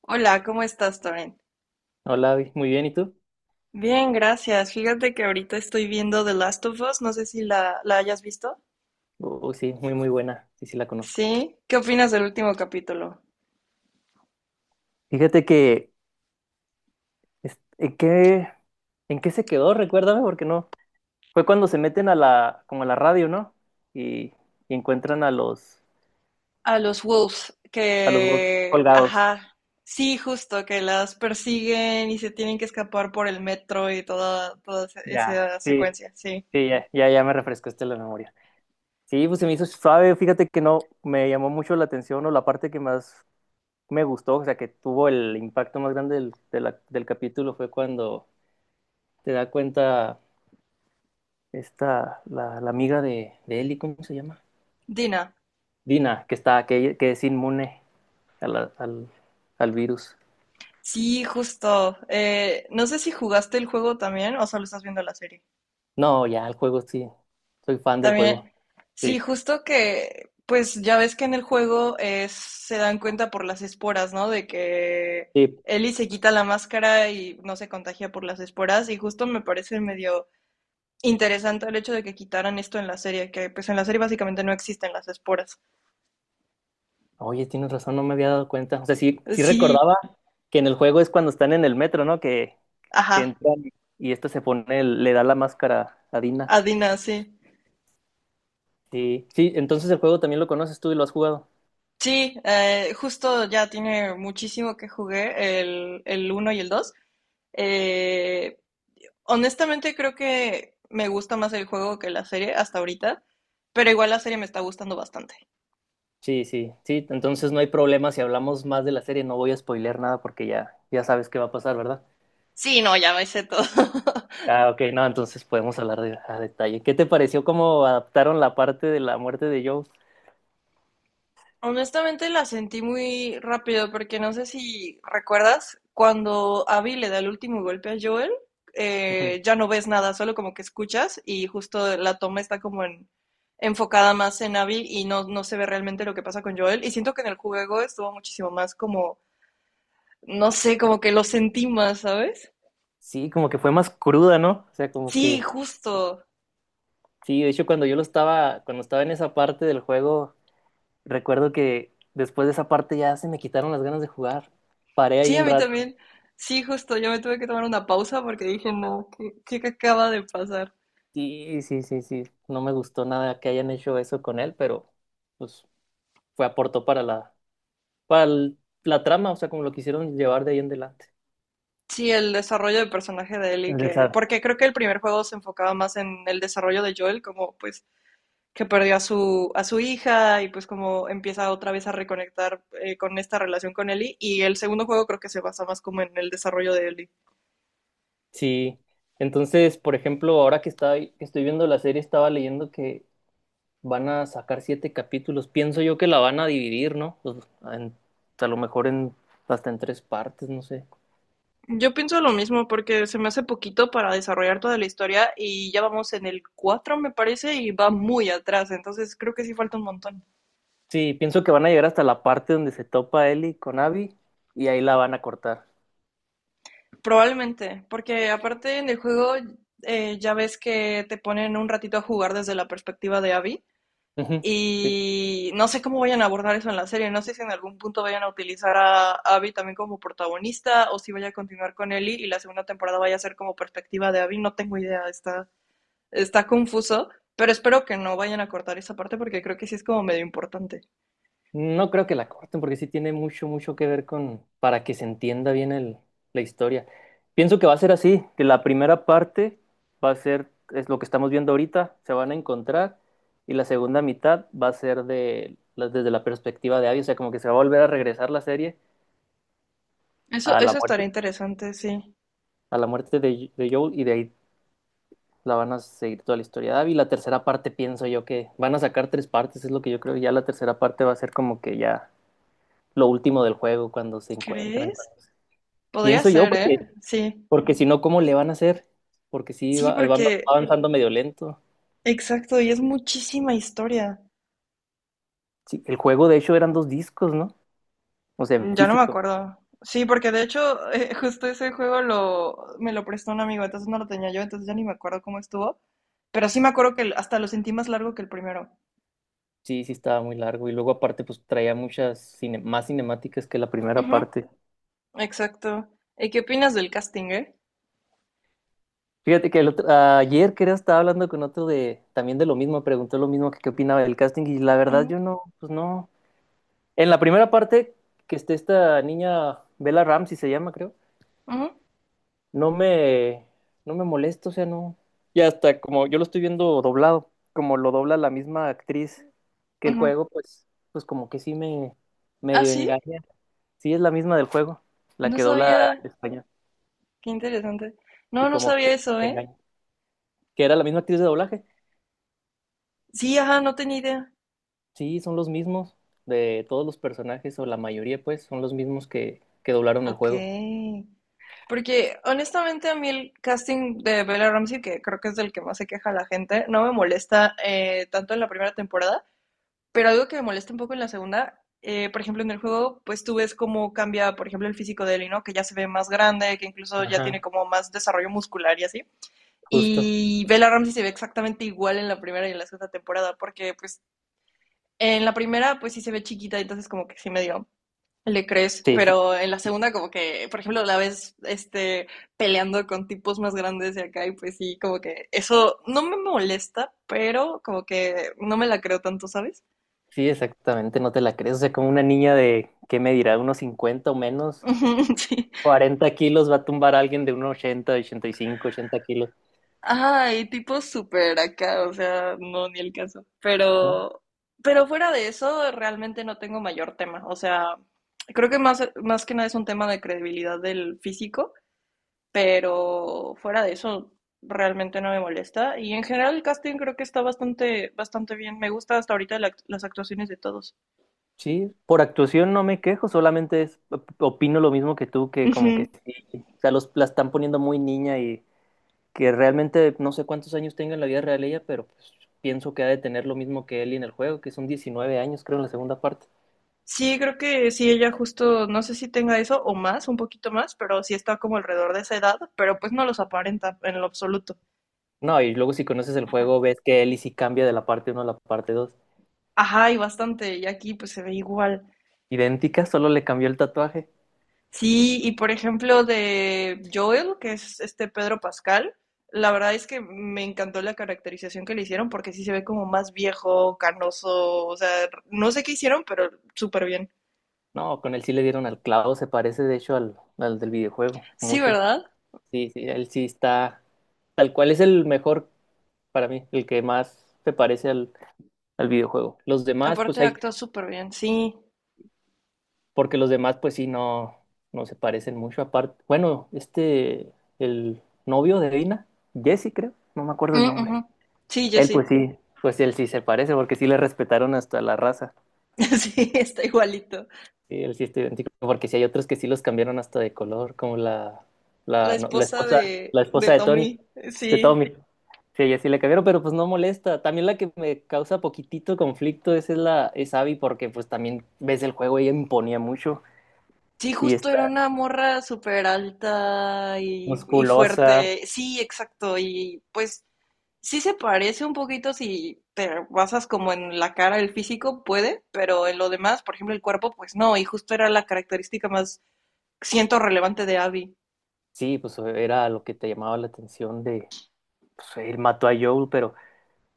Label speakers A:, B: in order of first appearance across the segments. A: Hola, ¿cómo estás, Toren?
B: Hola, Abby. Muy bien, ¿y tú?
A: Bien, gracias. Fíjate que ahorita estoy viendo The Last of Us, no sé si la hayas visto.
B: Uy, sí, muy, muy buena, sí, sí la conozco.
A: Sí, ¿qué opinas del último capítulo?
B: Fíjate que, es- ¿en qué, en qué se quedó? Recuérdame, porque no. Fue cuando se meten como a la radio, ¿no? Y, y encuentran a los,
A: A los Wolves,
B: a los Wolf
A: que,
B: colgados.
A: ajá, sí, justo, que las persiguen y se tienen que escapar por el metro y toda, toda esa
B: Ya,
A: esa
B: sí,
A: secuencia, sí.
B: sí, ya, ya, ya me refrescaste la memoria. Sí, pues se me hizo suave, fíjate que no, me llamó mucho la atención o la parte que más me gustó, o sea, que tuvo el impacto más grande del capítulo fue cuando te da cuenta. La amiga de Eli, ¿cómo se llama?
A: Dina,
B: Dina, que es inmune a la- al, al virus.
A: sí, justo. No sé si jugaste el juego también o solo estás viendo la serie.
B: No, ya, el juego sí. Soy fan del juego.
A: También, sí,
B: Sí.
A: justo que, pues ya ves que en el juego se dan cuenta por las esporas, ¿no? De que
B: Sí.
A: Ellie se quita la máscara y no se contagia por las esporas. Y justo me parece medio interesante el hecho de que quitaran esto en la serie, que pues en la serie básicamente no existen las esporas.
B: Oye, tienes razón, no me había dado cuenta. O sea, sí, sí
A: Sí,
B: recordaba que en el juego es cuando están en el metro, ¿no? Que
A: ajá,
B: entran y este se pone, le da la máscara a Dina.
A: Adina, sí.
B: Sí. Sí, entonces el juego también lo conoces tú y lo has jugado.
A: Sí, justo ya tiene muchísimo que jugué, el uno y el dos. Eh, Honestamente creo que me gusta más el juego que la serie hasta ahorita, pero igual la serie me está gustando bastante.
B: Sí, sí, sí, entonces no hay problema si hablamos más de la serie, no voy a spoilear nada porque ya sabes qué va a pasar, ¿verdad?
A: Sí, no, ya me sé todo.
B: Ah, ok, no, entonces podemos hablar a detalle. ¿Qué te pareció cómo adaptaron la parte de la muerte de Joe?
A: Honestamente la sentí muy rápido porque no sé si recuerdas cuando Abby le da el último golpe a Joel,
B: Ujú.
A: ya no ves nada, solo como que escuchas y justo la toma está como en, enfocada más en Abby y no, no se ve realmente lo que pasa con Joel. Y siento que en el juego estuvo muchísimo más como, no sé, como que lo sentí más, ¿sabes?
B: Sí, como que fue más cruda, ¿no? O sea, como
A: Sí,
B: que
A: justo.
B: sí, de hecho cuando estaba en esa parte del juego, recuerdo que después de esa parte ya se me quitaron las ganas de jugar. Paré ahí
A: Sí, a
B: un
A: mí
B: rato.
A: también. Sí, justo, yo me tuve que tomar una pausa porque dije, no, ¿qué, qué acaba de pasar?
B: Sí, sí, sí, sí, no me gustó nada que hayan hecho eso con él, pero pues fue aportó para la para el- la trama, o sea, como lo quisieron llevar de ahí en adelante.
A: Sí, el desarrollo del personaje de Ellie,
B: El
A: que,
B: desarrollo.
A: porque creo que el primer juego se enfocaba más en el desarrollo de Joel, como pues que perdió a su hija y pues como empieza otra vez a reconectar con esta relación con Ellie, y el segundo juego creo que se basa más como en el desarrollo de Ellie.
B: Sí, entonces, por ejemplo, que estoy viendo la serie, estaba leyendo que van a sacar siete capítulos. Pienso yo que la van a dividir, ¿no? A lo mejor hasta en tres partes, no sé.
A: Yo pienso lo mismo porque se me hace poquito para desarrollar toda la historia y ya vamos en el 4 me parece y va muy atrás, entonces creo que sí falta un montón.
B: Sí, pienso que van a llegar hasta la parte donde se topa Ellie con Abby y ahí la van a cortar.
A: Probablemente, porque aparte en el juego ya ves que te ponen un ratito a jugar desde la perspectiva de Abby
B: Ujú.
A: y no sé cómo vayan a abordar eso en la serie, no sé si en algún punto vayan a utilizar a Abby también como protagonista o si vaya a continuar con Ellie y la segunda temporada vaya a ser como perspectiva de Abby, no tengo idea, está, está confuso, pero espero que no vayan a cortar esa parte porque creo que sí es como medio importante.
B: No creo que la corten porque sí tiene mucho, mucho que ver con para que se entienda bien la historia. Pienso que va a ser así, que la primera parte va a ser, es lo que estamos viendo ahorita, se van a encontrar y la segunda mitad va a ser desde la perspectiva de Abby, o sea, como que se va a volver a regresar la serie
A: Eso,
B: a la
A: eso estaría
B: muerte,
A: interesante, sí.
B: a la muerte de Joel y de ahí la van a seguir toda la historia de Abby. La tercera parte pienso yo que van a sacar tres partes, es lo que yo creo, y ya la tercera parte va a ser como que ya lo último del juego cuando se encuentran.
A: ¿Crees? Podría
B: Pienso yo,
A: ser, ¿eh?
B: porque,
A: Sí.
B: porque si no, ¿cómo le van a hacer? Porque sí,
A: Sí,
B: va
A: porque
B: avanzando medio lento.
A: exacto, y es muchísima historia.
B: Sí, el juego, de hecho, eran dos discos, ¿no? O sea,
A: Mm,
B: en
A: ya no me
B: físico.
A: acuerdo. Sí, porque de hecho, justo ese juego lo, me lo prestó un amigo, entonces no lo tenía yo, entonces ya ni me acuerdo cómo estuvo. Pero sí me acuerdo que hasta lo sentí más largo que el primero.
B: Sí, sí, estaba muy largo. Y luego, aparte, pues traía más cinemáticas que la primera
A: Ujú,
B: parte.
A: exacto. ¿Y qué opinas del casting, eh?
B: Fíjate que ayer, creo, estaba hablando con otro de también de lo mismo, preguntó lo mismo que qué opinaba del casting. Y la verdad,
A: Ujú,
B: yo no, pues no. En la primera parte, que esté esta niña, Bella Ramsey se llama, creo.
A: ujú,
B: no me, no me molesto, o sea, no. Y hasta como yo lo estoy viendo doblado, como lo dobla la misma actriz que el
A: ujú.
B: juego, pues como que sí me
A: Ah,
B: medio
A: sí,
B: engaña. Sí es la misma del juego, la
A: no
B: que dobla
A: sabía.
B: en español,
A: Qué interesante.
B: y
A: No, no
B: como
A: sabía
B: que
A: eso,
B: te
A: ¿eh?
B: engaña. Que era la misma actriz de doblaje.
A: Sí, ajá, no tenía idea.
B: Sí, son los mismos de todos los personajes, o la mayoría, pues, son los mismos que doblaron el
A: Ok.
B: juego.
A: Porque honestamente a mí el casting de Bella Ramsey, que creo que es del que más se queja la gente, no me molesta tanto en la primera temporada, pero algo que me molesta un poco en la segunda, por ejemplo en el juego, pues tú ves cómo cambia, por ejemplo, el físico de Ellie, ¿no? Que ya se ve más grande, que incluso ya tiene
B: Ajá,
A: como más desarrollo muscular y así.
B: justo.
A: Y Bella Ramsey se ve exactamente igual en la primera y en la segunda temporada, porque pues en la primera pues sí se ve chiquita, entonces como que sí medio le crees,
B: Sí, sí,
A: pero en la segunda como que, por ejemplo, la ves este peleando con tipos más grandes de acá y pues sí, como que eso no me molesta, pero como que no me la creo tanto, ¿sabes?
B: sí, exactamente, no te la crees. O sea, como una niña de, ¿qué me dirá? Unos 50 o menos.
A: Ujú, sí.
B: 40 kilos va a tumbar a alguien de unos 80, 85, 80 kilos,
A: Ay, tipos súper acá, o sea, no, ni el caso.
B: ¿no?
A: Pero fuera de eso, realmente no tengo mayor tema. O sea, creo que más, más que nada es un tema de credibilidad del físico. Pero fuera de eso realmente no me molesta y en general el casting creo que está bastante bastante bien. Me gusta hasta ahorita la las actuaciones de todos.
B: Sí, por actuación no me quejo, solamente opino lo mismo que tú, que como que
A: Ujú.
B: sí, o sea, la están poniendo muy niña y que realmente no sé cuántos años tenga en la vida real ella, pero pues, pienso que ha de tener lo mismo que Ellie en el juego, que son 19 años, creo, en la segunda parte.
A: Sí, creo que sí, ella justo, no sé si tenga eso o más, un poquito más, pero sí está como alrededor de esa edad, pero pues no los aparenta en lo absoluto.
B: No, y luego si conoces el juego, ves que Ellie sí cambia de la parte uno a la parte dos.
A: Ajá, y bastante, y aquí pues se ve igual.
B: Idéntica, solo le cambió el tatuaje.
A: Sí, y por ejemplo de Joel, que es este Pedro Pascal, la verdad es que me encantó la caracterización que le hicieron porque sí se ve como más viejo, canoso, o sea, no sé qué hicieron, pero súper bien.
B: No, con él sí le dieron al clavo, se parece de hecho al del videojuego,
A: Sí,
B: mucho.
A: ¿verdad?
B: Sí, sí, él sí está. Tal cual es el mejor para mí, el que más se parece al videojuego. Los demás,
A: Aparte actúa súper bien, sí.
B: porque los demás, pues sí, no, no se parecen mucho. Aparte, bueno, el novio de Dina, Jesse, creo, no me acuerdo el
A: Mm,
B: nombre.
A: ujú. Sí,
B: Él, pues
A: Jessie.
B: sí, pues él sí se parece, porque sí le respetaron hasta la raza.
A: Sí, está igualito.
B: Sí, él sí está idéntico, porque sí hay otros que sí los cambiaron hasta de color, como la,
A: La
B: no, la
A: esposa
B: esposa, la esposa
A: de Tommy,
B: de
A: sí.
B: Tommy. Sí, ella sí le cambiaron, pero pues no molesta. También la que me causa poquitito conflicto esa es es Abby, porque pues también ves el juego, ella imponía mucho
A: Sí,
B: y
A: justo
B: está
A: era una morra súper alta y
B: musculosa.
A: fuerte. Sí, exacto. Y pues sí se parece un poquito si te basas como en la cara, el físico puede, pero en lo demás, por ejemplo, el cuerpo, pues no, y justo era la característica más, siento, relevante de Abby.
B: Sí, pues era lo que te llamaba la atención pues él mató a Joel, pero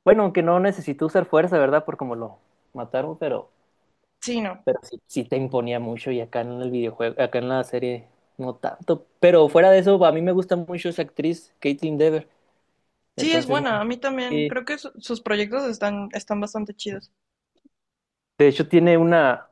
B: bueno, aunque no necesitó usar fuerza, ¿verdad? Por como lo mataron,
A: Sí, no.
B: pero sí, sí te imponía mucho y acá en el videojuego, acá en la serie no tanto. Pero fuera de eso, a mí me gusta mucho esa actriz, Caitlin Dever.
A: Sí, es
B: Entonces, no.
A: buena, a mí también.
B: Eh,
A: Creo que sus proyectos están, están bastante chidos.
B: de hecho, tiene una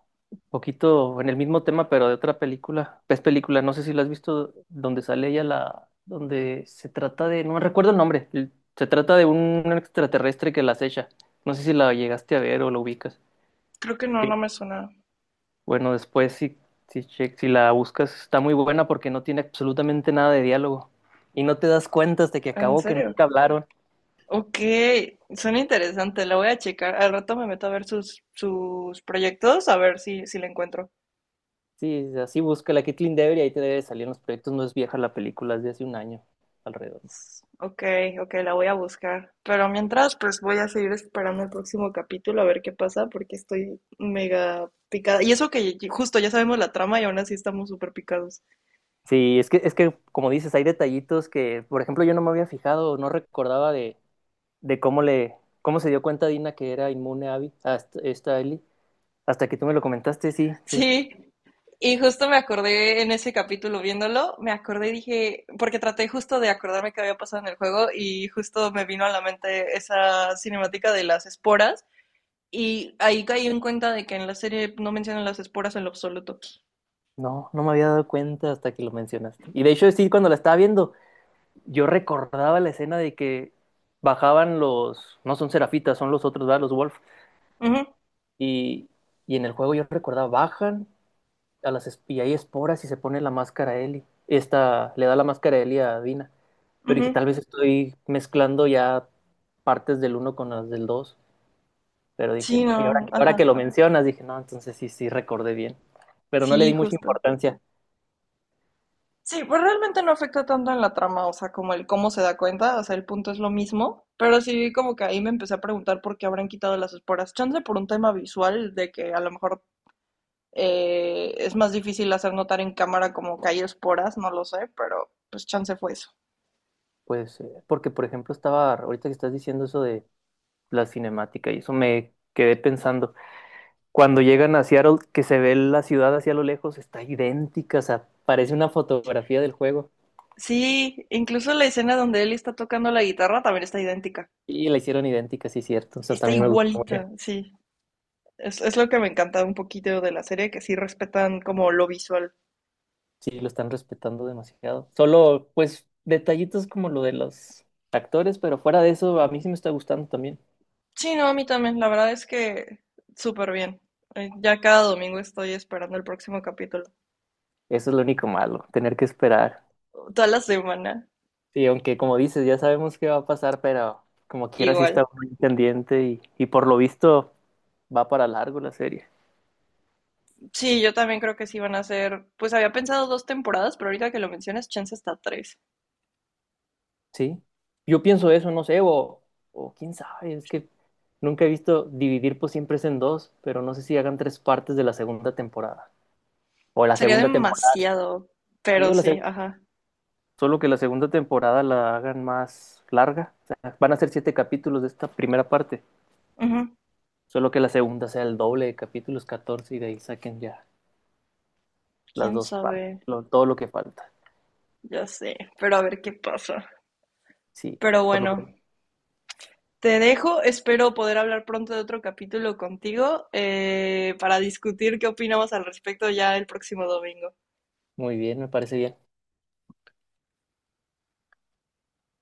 B: poquito en el mismo tema, pero de otra película. Es película, no sé si la has visto, donde sale ella donde se trata de, no recuerdo el nombre, se trata de un extraterrestre que la acecha. No sé si la llegaste a ver o la ubicas.
A: Creo que no, no me suena.
B: Bueno, después si la buscas está muy buena porque no tiene absolutamente nada de diálogo y no te das cuenta hasta que
A: ¿En
B: acabó que
A: serio?
B: nunca hablaron.
A: Ok, suena interesante, la voy a checar. Al rato me meto a ver sus proyectos, a ver si, si la encuentro.
B: Sí, así busca la Kathleen Devery y ahí te debe salir en los proyectos. No es vieja la película, es de hace un año alrededor.
A: Ok, ok, la voy a buscar. Pero mientras, pues voy a seguir esperando el próximo capítulo a ver qué pasa, porque estoy mega picada. Y eso que justo ya sabemos la trama y aún así estamos súper picados.
B: Sí, es que como dices, hay detallitos que, por ejemplo, yo no me había fijado, no recordaba de cómo se dio cuenta Dina que era inmune a Abby, a esta Ellie. Hasta que tú me lo comentaste, sí, sí.
A: Sí, y justo me acordé en ese capítulo viéndolo, me acordé y dije, porque traté justo de acordarme qué había pasado en el juego y justo me vino a la mente esa cinemática de las esporas y ahí caí en cuenta de que en la serie no mencionan las esporas en lo absoluto.
B: No, no me había dado cuenta hasta que lo mencionaste. Y de hecho, sí, cuando la estaba viendo. Yo recordaba la escena de que bajaban los, no son serafitas, son los otros, ¿verdad? Los wolf.
A: Ujú,
B: Y, y en el juego yo recordaba, bajan y hay esporas y se pone la máscara a Ellie. Esta le da la máscara a Ellie a Dina. Pero dije,
A: ujú.
B: tal vez estoy mezclando ya partes del uno con las del dos. Pero dije,
A: Sí,
B: no. Y ahora,
A: no,
B: ahora que lo
A: ajá.
B: mencionas, dije, no, entonces sí, sí, recordé bien. Pero no le
A: Sí,
B: di mucha
A: justo.
B: importancia.
A: Sí, pues realmente no afecta tanto en la trama, o sea, como el cómo se da cuenta, o sea, el punto es lo mismo, pero sí como que ahí me empecé a preguntar por qué habrán quitado las esporas. Chance por un tema visual de que a lo mejor es más difícil hacer notar en cámara como que hay esporas, no lo sé, pero pues chance fue eso.
B: Pues, porque por ejemplo ahorita que estás diciendo eso de la cinemática y eso me quedé pensando. Cuando llegan a Seattle, que se ve la ciudad hacia lo lejos, está idéntica, o sea, parece una fotografía del juego.
A: Sí, incluso la escena donde él está tocando la guitarra también está idéntica,
B: Y la hicieron idéntica, sí, cierto. O sea,
A: está
B: también me gustó mucho.
A: igualita, sí. Es lo que me encanta un poquito de la serie, que sí respetan como lo visual.
B: Sí, lo están respetando demasiado. Solo, pues, detallitos como lo de los actores, pero fuera de eso, a mí sí me está gustando también.
A: Sí, no, a mí también. La verdad es que súper bien. Ya cada domingo estoy esperando el próximo capítulo.
B: Eso es lo único malo, tener que esperar.
A: Toda la semana.
B: Sí, aunque como dices, ya sabemos qué va a pasar, pero como quiera sí está
A: Igual.
B: muy pendiente y por lo visto va para largo la serie.
A: Sí, yo también creo que sí van a ser. Pues había pensado dos temporadas, pero ahorita que lo mencionas, chance hasta tres.
B: Sí, yo pienso eso, no sé, o quién sabe, es que nunca he visto dividir pues siempre es en dos, pero no sé si hagan tres partes de la segunda temporada. O la
A: Sería
B: segunda temporada,
A: demasiado.
B: sí,
A: Pero sí, ajá.
B: solo que la segunda temporada la hagan más larga. O sea, van a ser siete capítulos de esta primera parte,
A: Ujú.
B: solo que la segunda sea el doble de capítulos, 14 y de ahí saquen ya las
A: Quién
B: dos partes,
A: sabe.
B: todo lo que falta.
A: Ya sé. Pero a ver qué pasa.
B: Sí,
A: Pero
B: por lo
A: bueno.
B: pronto.
A: Te dejo, espero poder hablar pronto de otro capítulo contigo para discutir qué opinamos al respecto ya el próximo domingo.
B: Muy bien, me parece bien.